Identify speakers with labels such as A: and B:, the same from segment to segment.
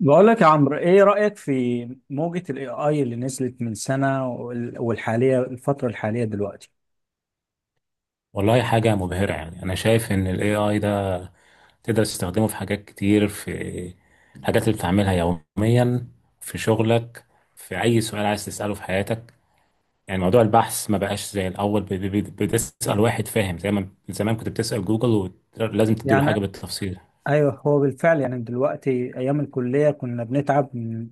A: بقول لك يا عمرو، ايه رأيك في موجة الاي اي اللي نزلت من سنة الفترة الحالية دلوقتي؟
B: والله حاجة مبهرة، يعني أنا شايف إن ال AI ده تقدر تستخدمه في حاجات كتير، في الحاجات اللي بتعملها يوميا، في شغلك، في أي سؤال عايز تسأله في حياتك. يعني موضوع البحث ما بقاش زي الأول، بتسأل واحد فاهم، زي ما زمان كنت بتسأل جوجل ولازم تديله
A: يعني
B: حاجة بالتفصيل.
A: ايوه، هو بالفعل يعني دلوقتي ايام الكلية كنا بنتعب من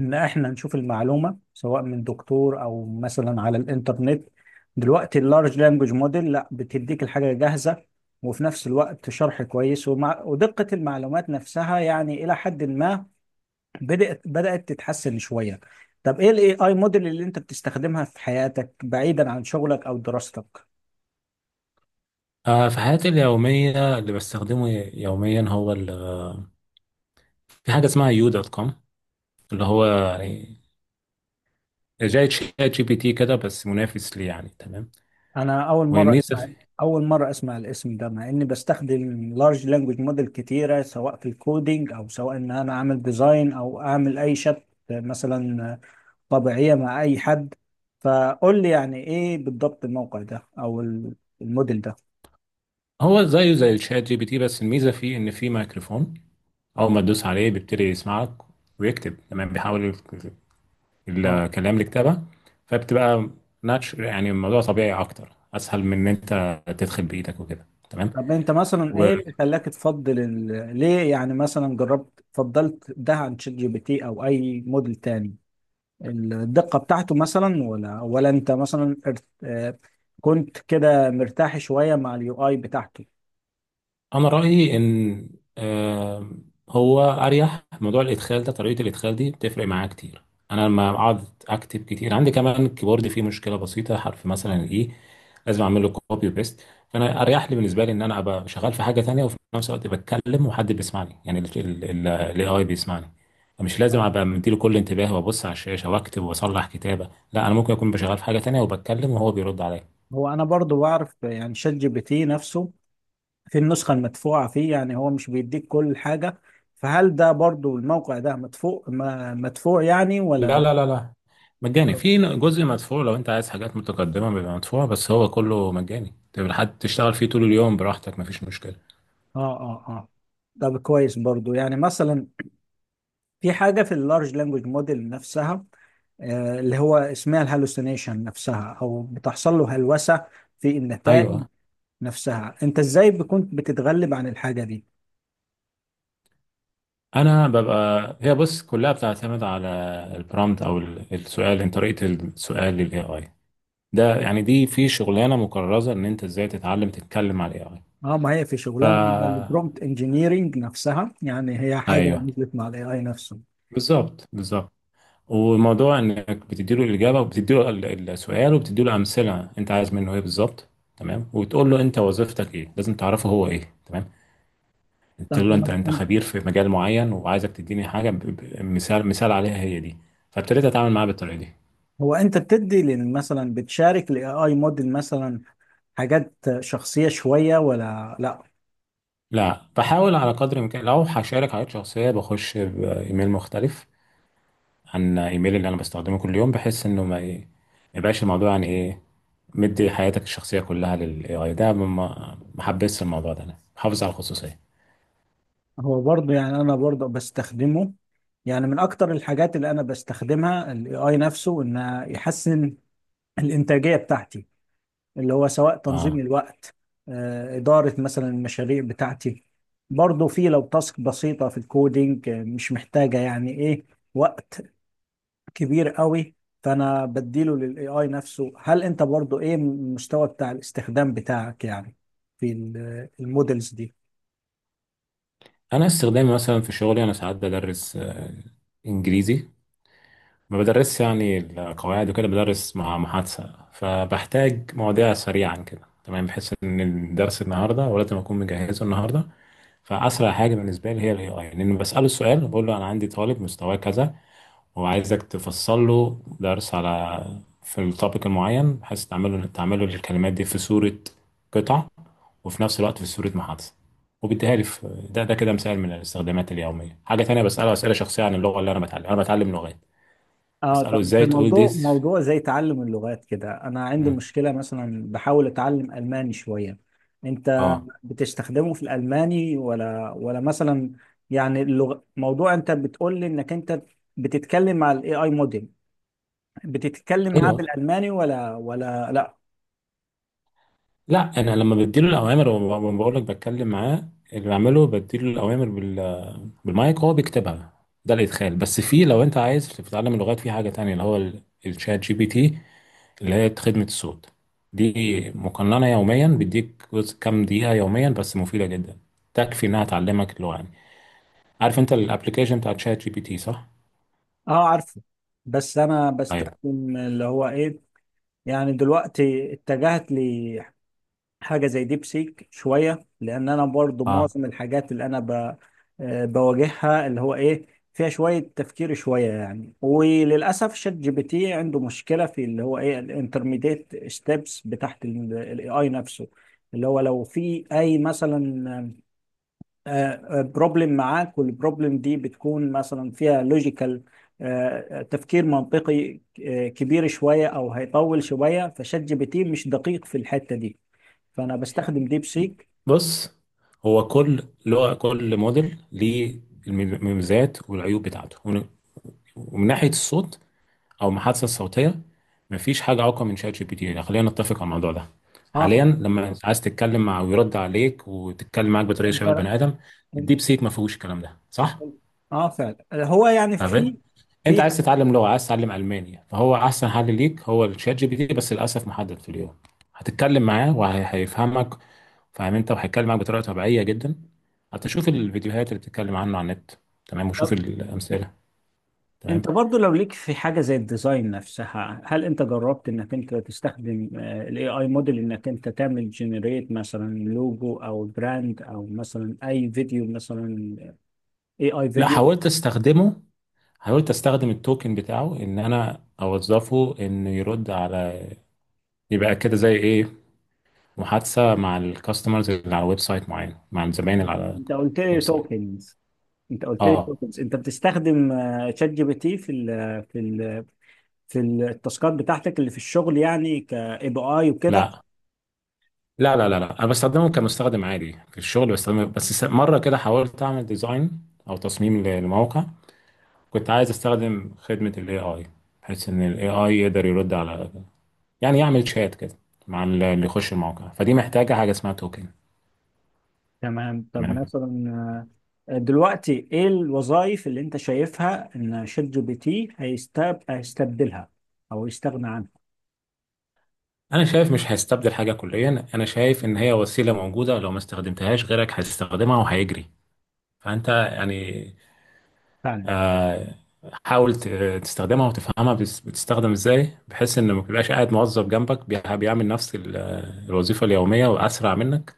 A: ان احنا نشوف المعلومة سواء من دكتور او مثلا على الانترنت. دلوقتي اللارج لانجوج موديل لا بتديك الحاجة جاهزة وفي نفس الوقت شرح كويس ومع ودقة المعلومات نفسها، يعني الى حد ما بدأت تتحسن شوية. طب ايه الاي اي موديل اللي انت بتستخدمها في حياتك بعيدا عن شغلك او دراستك؟
B: آه، في حياتي اليومية اللي بستخدمه يوميا هو في حاجة اسمها يو دوت كوم، اللي هو يعني زي شات جي بي تي كده بس منافس ليه، يعني تمام.
A: انا اول مرة
B: والميزة
A: اسمع،
B: في
A: اول مرة اسمع الاسم ده مع اني بستخدم لارج لانجوج موديل كتيرة سواء في الكودينج او سواء ان انا اعمل ديزاين او اعمل اي شات مثلا طبيعية مع اي حد. فقول لي يعني ايه بالضبط الموقع ده او الموديل
B: هو زيه زي شات جي بي تي بس الميزه فيه ان فيه ميكروفون، اول ما تدوس عليه بيبتدي يسمعك ويكتب، تمام؟ بيحول
A: ده.
B: الكلام لكتابه، فبتبقى ناتش، يعني الموضوع طبيعي اكتر، اسهل من ان انت تدخل بايدك وكده، تمام.
A: طب انت مثلا ايه اللي خلاك تفضل ليه يعني مثلا جربت فضلت ده عن شات جي بي تي او اي موديل تاني؟ الدقة بتاعته مثلا ولا انت مثلا ارت... آه، كنت كده مرتاح شوية مع اليو اي بتاعته؟
B: انا رايي ان آه، هو اريح، موضوع الادخال ده، طريقه الادخال دي بتفرق معايا كتير. انا لما اقعد اكتب كتير، عندي كمان الكيبورد فيه مشكله بسيطه، حرف مثلا الاي لازم اعمل له كوبي وبيست، فانا اريح لي بالنسبه لي ان انا ابقى شغال في حاجه تانية وفي نفس الوقت بتكلم وحد بيسمعني، يعني الاي اي بيسمعني، فمش لازم
A: طب
B: ابقى مديله كل انتباه وابص على الشاشه واكتب واصلح كتابه. لا، انا ممكن اكون بشغال في حاجه تانية وبتكلم وهو بيرد عليا.
A: هو انا برضو بعرف يعني شات جي بي تي نفسه في النسخة المدفوعة فيه، يعني هو مش بيديك كل حاجة، فهل ده برضو الموقع ده مدفوع مدفوع يعني
B: لا
A: ولا؟
B: لا لا لا، مجاني.
A: اه
B: في جزء مدفوع لو انت عايز حاجات متقدمة بيبقى مدفوع، بس هو كله مجاني، تبقى حد تشتغل فيه طول اليوم براحتك مفيش مشكلة.
A: اه اه. طب كويس برضو. يعني مثلا في حاجة في اللارج لانجوج موديل نفسها اللي هو اسمها الهالوسينيشن نفسها او بتحصل له هلوسة في النتائج
B: ايوه،
A: نفسها، انت ازاي كنت بتتغلب عن الحاجة دي؟
B: انا ببقى، هي بص كلها بتعتمد على البرامت او السؤال، انت طريقة السؤال للاي اي ده، يعني دي في شغلانة مكرزة، ان انت ازاي تتعلم تتكلم على الاي اي.
A: اه، ما هي في
B: ف
A: شغلانة من البرومبت انجينيرينج نفسها، يعني هي حاجة
B: ايوه،
A: نزلت مع الاي اي نفسه.
B: بالظبط. وموضوع انك بتديله الاجابه وبتديله السؤال وبتديله امثله انت عايز منه ايه بالظبط، تمام، وتقول له انت وظيفتك ايه، لازم تعرفه هو ايه، تمام.
A: طب
B: تقول له انت،
A: طبعا
B: انت
A: انت
B: خبير في مجال معين وعايزك تديني حاجه مثال عليها هي دي. فابتديت اتعامل معاه بالطريقه دي.
A: هو انت بتدي مثلا بتشارك الاي اي موديل مثلا حاجات شخصية شوية ولا لا؟
B: لا، بحاول على قدر الامكان، لو هشارك حاجات شخصيه بخش بايميل مختلف عن ايميل اللي انا بستخدمه كل يوم، بحيث انه ما ايه، ما يبقاش الموضوع يعني ايه، مدي حياتك الشخصيه كلها للاي اي ده، ما ما حبيتش الموضوع ده، انا بحافظ على الخصوصيه.
A: هو برضه يعني انا برضه بستخدمه، يعني من اكتر الحاجات اللي انا بستخدمها الاي اي نفسه ان يحسن الانتاجيه بتاعتي، اللي هو سواء تنظيم
B: اه،
A: الوقت، اداره مثلا المشاريع بتاعتي، برضه في لو تاسك بسيطه في الكودينج مش محتاجه يعني ايه وقت كبير قوي، فانا بديله للاي اي نفسه. هل انت برضه ايه المستوى بتاع الاستخدام بتاعك يعني في المودلز دي؟
B: انا استخدامي مثلا في شغلي، انا ساعات بدرس انجليزي، ما بدرسش يعني القواعد وكده، بدرس مع محادثه، فبحتاج مواضيع سريعا كده، تمام، بحيث ان الدرس النهارده ولازم اكون مجهزه النهارده. فاسرع حاجه بالنسبه لي هي الاي اي، لان بساله السؤال، بقول له انا عندي طالب مستواه كذا، هو عايزك تفصل له درس على، في التوبيك المعين، بحيث تعمله الكلمات دي في صورة قطع، وفي نفس الوقت في صورة محادثة، وبيديها لي في ده. ده كده مثال من الاستخدامات اليومية. حاجة تانية، بسأله أسئلة شخصية عن اللغة اللي أنا بتعلم، أنا بتعلم لغات،
A: اه،
B: بسأله
A: طب في
B: إزاي تقول دي
A: موضوع موضوع زي تعلم اللغات كده انا عندي
B: مم.
A: مشكلة، مثلا بحاول اتعلم الماني شوية، انت
B: اه،
A: بتستخدمه في الالماني ولا مثلا؟ يعني اللغة موضوع انت بتقول لي انك انت بتتكلم مع الاي اي موديل، بتتكلم معاه
B: ايوه.
A: بالالماني ولا لا؟
B: لا، انا لما بديله الاوامر بقول لك بتكلم معاه، اللي بعمله بديله الاوامر بال بالمايك هو بيكتبها، ده الادخال. بس في، لو انت عايز تتعلم اللغات، في حاجه تانية اللي هو الشات جي بي تي، اللي هي خدمة الصوت دي، مقننة يوميا، بيديك جزء كام دقيقة يوميا بس مفيدة جدا، تكفي إنها تعلمك اللغة يعني. عارف أنت الأبليكيشن بتاع شات جي بي تي صح؟
A: اه عارفه، بس انا
B: طيب.
A: بستخدم اللي هو ايه، يعني دلوقتي اتجهت حاجة زي ديب سيك شوية، لأن أنا برضو
B: آه،
A: معظم الحاجات اللي أنا ب... آه، بواجهها اللي هو إيه فيها شوية تفكير شوية، يعني وللأسف شات جي بي تي عنده مشكلة في اللي هو إيه الانترميديت ستيبس بتاعت الاي آي نفسه، اللي هو لو في أي مثلا بروبلم معاك والبروبلم دي بتكون مثلا فيها لوجيكال تفكير منطقي كبير شوية أو هيطول شوية، فشات جي بي تي مش دقيق في الحتة دي، فانا بستخدم ديب سيك.
B: بص، هو كل لغة، كل موديل ليه المميزات والعيوب بتاعته، ومن، ومن ناحية الصوت أو المحادثة الصوتية، مفيش حاجة أقوى من شات جي بي تي، خلينا نتفق على الموضوع ده
A: اه
B: حاليا.
A: فعلا.
B: لما عايز تتكلم مع، ويرد عليك وتتكلم معاك بطريقة
A: انت
B: شبه البني آدم، الديب سيك ما فيهوش الكلام ده،
A: اه.
B: صح؟
A: آه فعلا، هو يعني في
B: تمام. انت
A: في
B: عايز تتعلم لغه، عايز تتعلم الماني، فهو احسن حل ليك هو الشات جي بي تي، بس للاسف محدد في اليوم. هتتكلم معاه وهيفهمك، فاهم انت، وهيتكلم معاك بطريقه طبيعيه جدا. حتى شوف الفيديوهات اللي بتتكلم عنه على النت، تمام، وشوف
A: طب
B: الامثله. تمام.
A: انت برضو لو ليك في حاجه زي الديزاين نفسها، هل انت جربت انك انت تستخدم الاي اي موديل انك انت تعمل جنريت مثلا لوجو او براند او مثلا اي فيديو مثلا، اي اي
B: لا،
A: فيديو؟
B: حاولت استخدمه، حاولت استخدم التوكن بتاعه ان انا اوظفه انه يرد على، يبقى كده زي ايه، محادثه مع الكاستمرز اللي على ويب سايت معين، مع الزباين اللي على
A: انت قلت لي
B: ويب سايت.
A: توكنز، انت قلت لي
B: اه.
A: توكنز، انت بتستخدم شات جي بي تي في ال في ال في التاسكات بتاعتك اللي في الشغل، يعني كاي بي اي وكده؟
B: لا لا لا لا، لا انا بستخدمهم كمستخدم عادي، في الشغل بستخدمه بس. مره كده حاولت اعمل ديزاين او تصميم لموقع، كنت عايز استخدم خدمه الاي اي، بحيث ان الاي اي يقدر يرد على، يعني يعمل شات كده مع اللي يخش الموقع، فدي محتاجه حاجه اسمها توكن.
A: تمام. طب
B: تمام.
A: مثلا دلوقتي ايه الوظائف اللي انت شايفها ان شات جي بي تي هيستبدلها او يستغنى عنها؟
B: انا شايف مش هيستبدل حاجه كليا، انا شايف ان هي وسيله موجوده، لو ما استخدمتهاش غيرك هيستخدمها وهيجري، فانت يعني
A: فعلا.
B: آه، حاول تستخدمها وتفهمها، بتستخدم ازاي، بحيث ان ما تبقاش قاعد موظف جنبك بيعمل نفس الوظيفة اليومية واسرع منك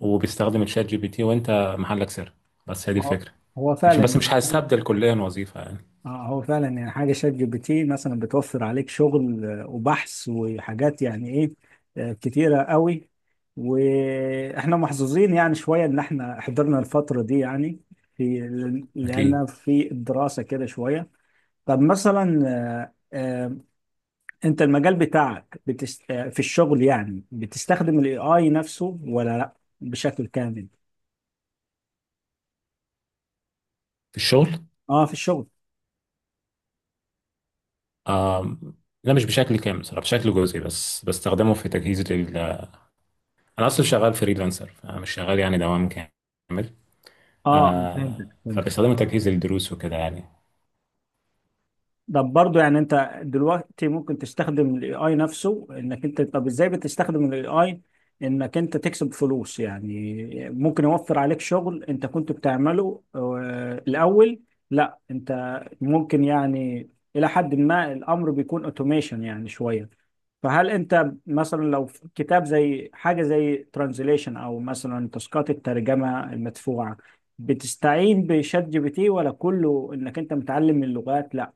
B: وبيستخدم الشات جي بي تي وانت محلك سر. بس هي دي
A: هو
B: الفكرة،
A: هو
B: مش
A: فعلا
B: بس،
A: يعني
B: مش
A: حاجة
B: هستبدل كليا وظيفة يعني.
A: هو فعلا يعني حاجة شات جي بي تي مثلا بتوفر عليك شغل وبحث وحاجات يعني ايه كتيرة قوي. واحنا محظوظين يعني شوية ان احنا حضرنا الفترة دي يعني، في،
B: اكيد.
A: لأن في الدراسة كده شوية. طب مثلا انت المجال بتاعك في الشغل يعني بتستخدم الاي اي نفسه ولا لا بشكل كامل؟
B: في الشغل؟
A: اه في الشغل.
B: آم، لا مش بشكل كامل صراحة، بشكل جزئي، بس بستخدمه في تجهيز لل، انا اصلا شغال فريلانسر فمش شغال يعني دوام كامل.
A: اه فهمتك
B: آه،
A: فهمتك.
B: فبستخدمه تجهيز للدروس وكده يعني.
A: ده برضه يعني انت دلوقتي ممكن تستخدم الاي اي نفسه انك انت، طب ازاي بتستخدم الاي اي انك انت تكسب فلوس يعني؟ ممكن يوفر عليك شغل انت كنت بتعمله الاول، لا انت ممكن يعني الى حد ما الامر بيكون اوتوميشن يعني شوية، فهل انت مثلا لو في كتاب زي حاجة زي ترانزليشن او مثلا تاسكات الترجمة المدفوعة بتستعين بشات جي بي تي ولا كله انك انت متعلم اللغات؟ لا،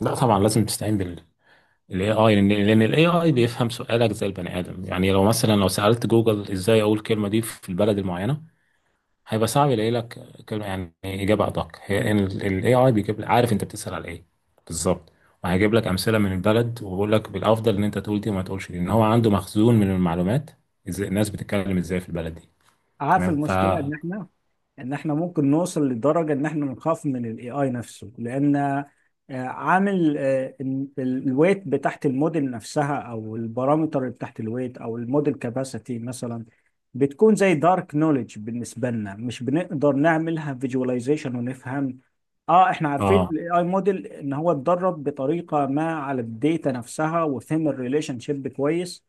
B: لا طبعا، لازم تستعين الاي اي، لان الاي اي بيفهم سؤالك زي البني ادم. يعني لو مثلا، لو سالت جوجل ازاي اقول الكلمه دي في البلد المعينه، هيبقى صعب يلاقي لك كلمه، يعني اجابه ادق هي الاي اي، بيجيب لك، عارف انت بتسال على ايه بالظبط، وهيجيب لك امثله من البلد، وبيقول لك بالافضل ان انت تقول دي وما تقولش دي، ان هو عنده مخزون من المعلومات ازاي الناس بتتكلم ازاي في البلد دي،
A: عارف
B: تمام. ف
A: المشكله ان احنا، ممكن نوصل لدرجة ان احنا نخاف من الاي اي نفسه، لان عامل الويت بتاعت الموديل نفسها او البارامتر اللي بتاعت الويت او الموديل كاباسيتي مثلا بتكون زي دارك نوليدج بالنسبة لنا، مش بنقدر نعملها فيجواليزيشن ونفهم. اه احنا عارفين
B: اه،
A: الاي اي موديل ان هو اتدرب بطريقة ما على الداتا نفسها وفهم الريليشن شيب كويس،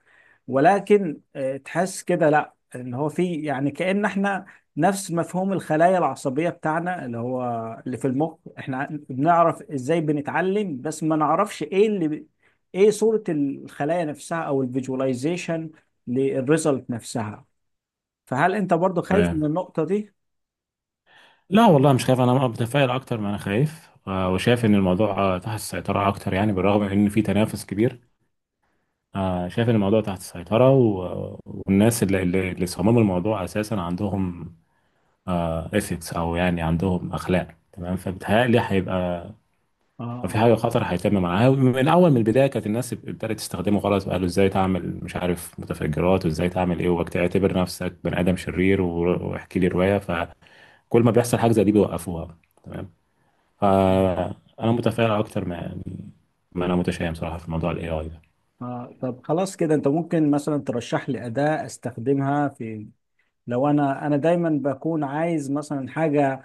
A: ولكن تحس كده لا ان هو في يعني كأن احنا نفس مفهوم الخلايا العصبية بتاعنا اللي هو اللي في المخ، احنا بنعرف ازاي بنتعلم بس ما نعرفش ايه اللي ايه صورة الخلايا نفسها او الفيجواليزيشن للريزلت نفسها. فهل انت برضو خايف من
B: تمام.
A: النقطة دي؟
B: لا والله مش خايف، انا متفائل اكتر ما انا خايف، وشايف ان الموضوع تحت السيطره اكتر يعني، بالرغم ان في تنافس كبير، شايف ان الموضوع تحت السيطرة، والناس اللي صمموا الموضوع اساسا عندهم اثكس او يعني عندهم اخلاق، تمام، فبتهيألي هيبقى
A: اه
B: لو في
A: اه
B: حاجة خطر هيتم معاها من اول. من البداية كانت الناس ابتدت تستخدمه غلط وقالوا ازاي تعمل مش عارف متفجرات وازاي تعمل ايه واعتبر نفسك بني ادم شرير واحكي لي رواية، فكل ما بيحصل حاجة زي دي بيوقفوها، تمام. فانا متفائل اكتر ما يعني، ما انا متشائم صراحة في موضوع الاي اي ده.
A: اه. طب خلاص كده انت ممكن مثلا ترشح لي أداة استخدمها في، لو انا دايما بكون عايز مثلا حاجه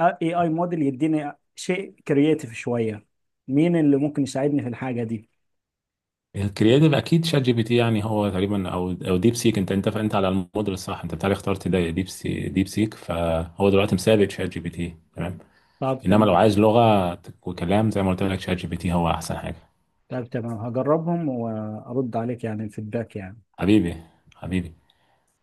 A: اي اي موديل يديني شيء كرييتيف شويه، مين اللي ممكن يساعدني في الحاجه دي؟
B: الكرياتيف اكيد شات جي بي تي، يعني هو تقريبا، او ديب سيك، انت، انت على الموديل الصح، انت بتاعي اخترت ده، ديب سي ديب سيك، فهو دلوقتي مسابق شات جي بي تي، تمام.
A: طب
B: انما لو
A: تمام.
B: عايز لغه وكلام زي ما قلت لك شات جي بي تي هو احسن حاجه.
A: طب تمام، هجربهم وارد عليك يعني الفيدباك يعني.
B: حبيبي، حبيبي.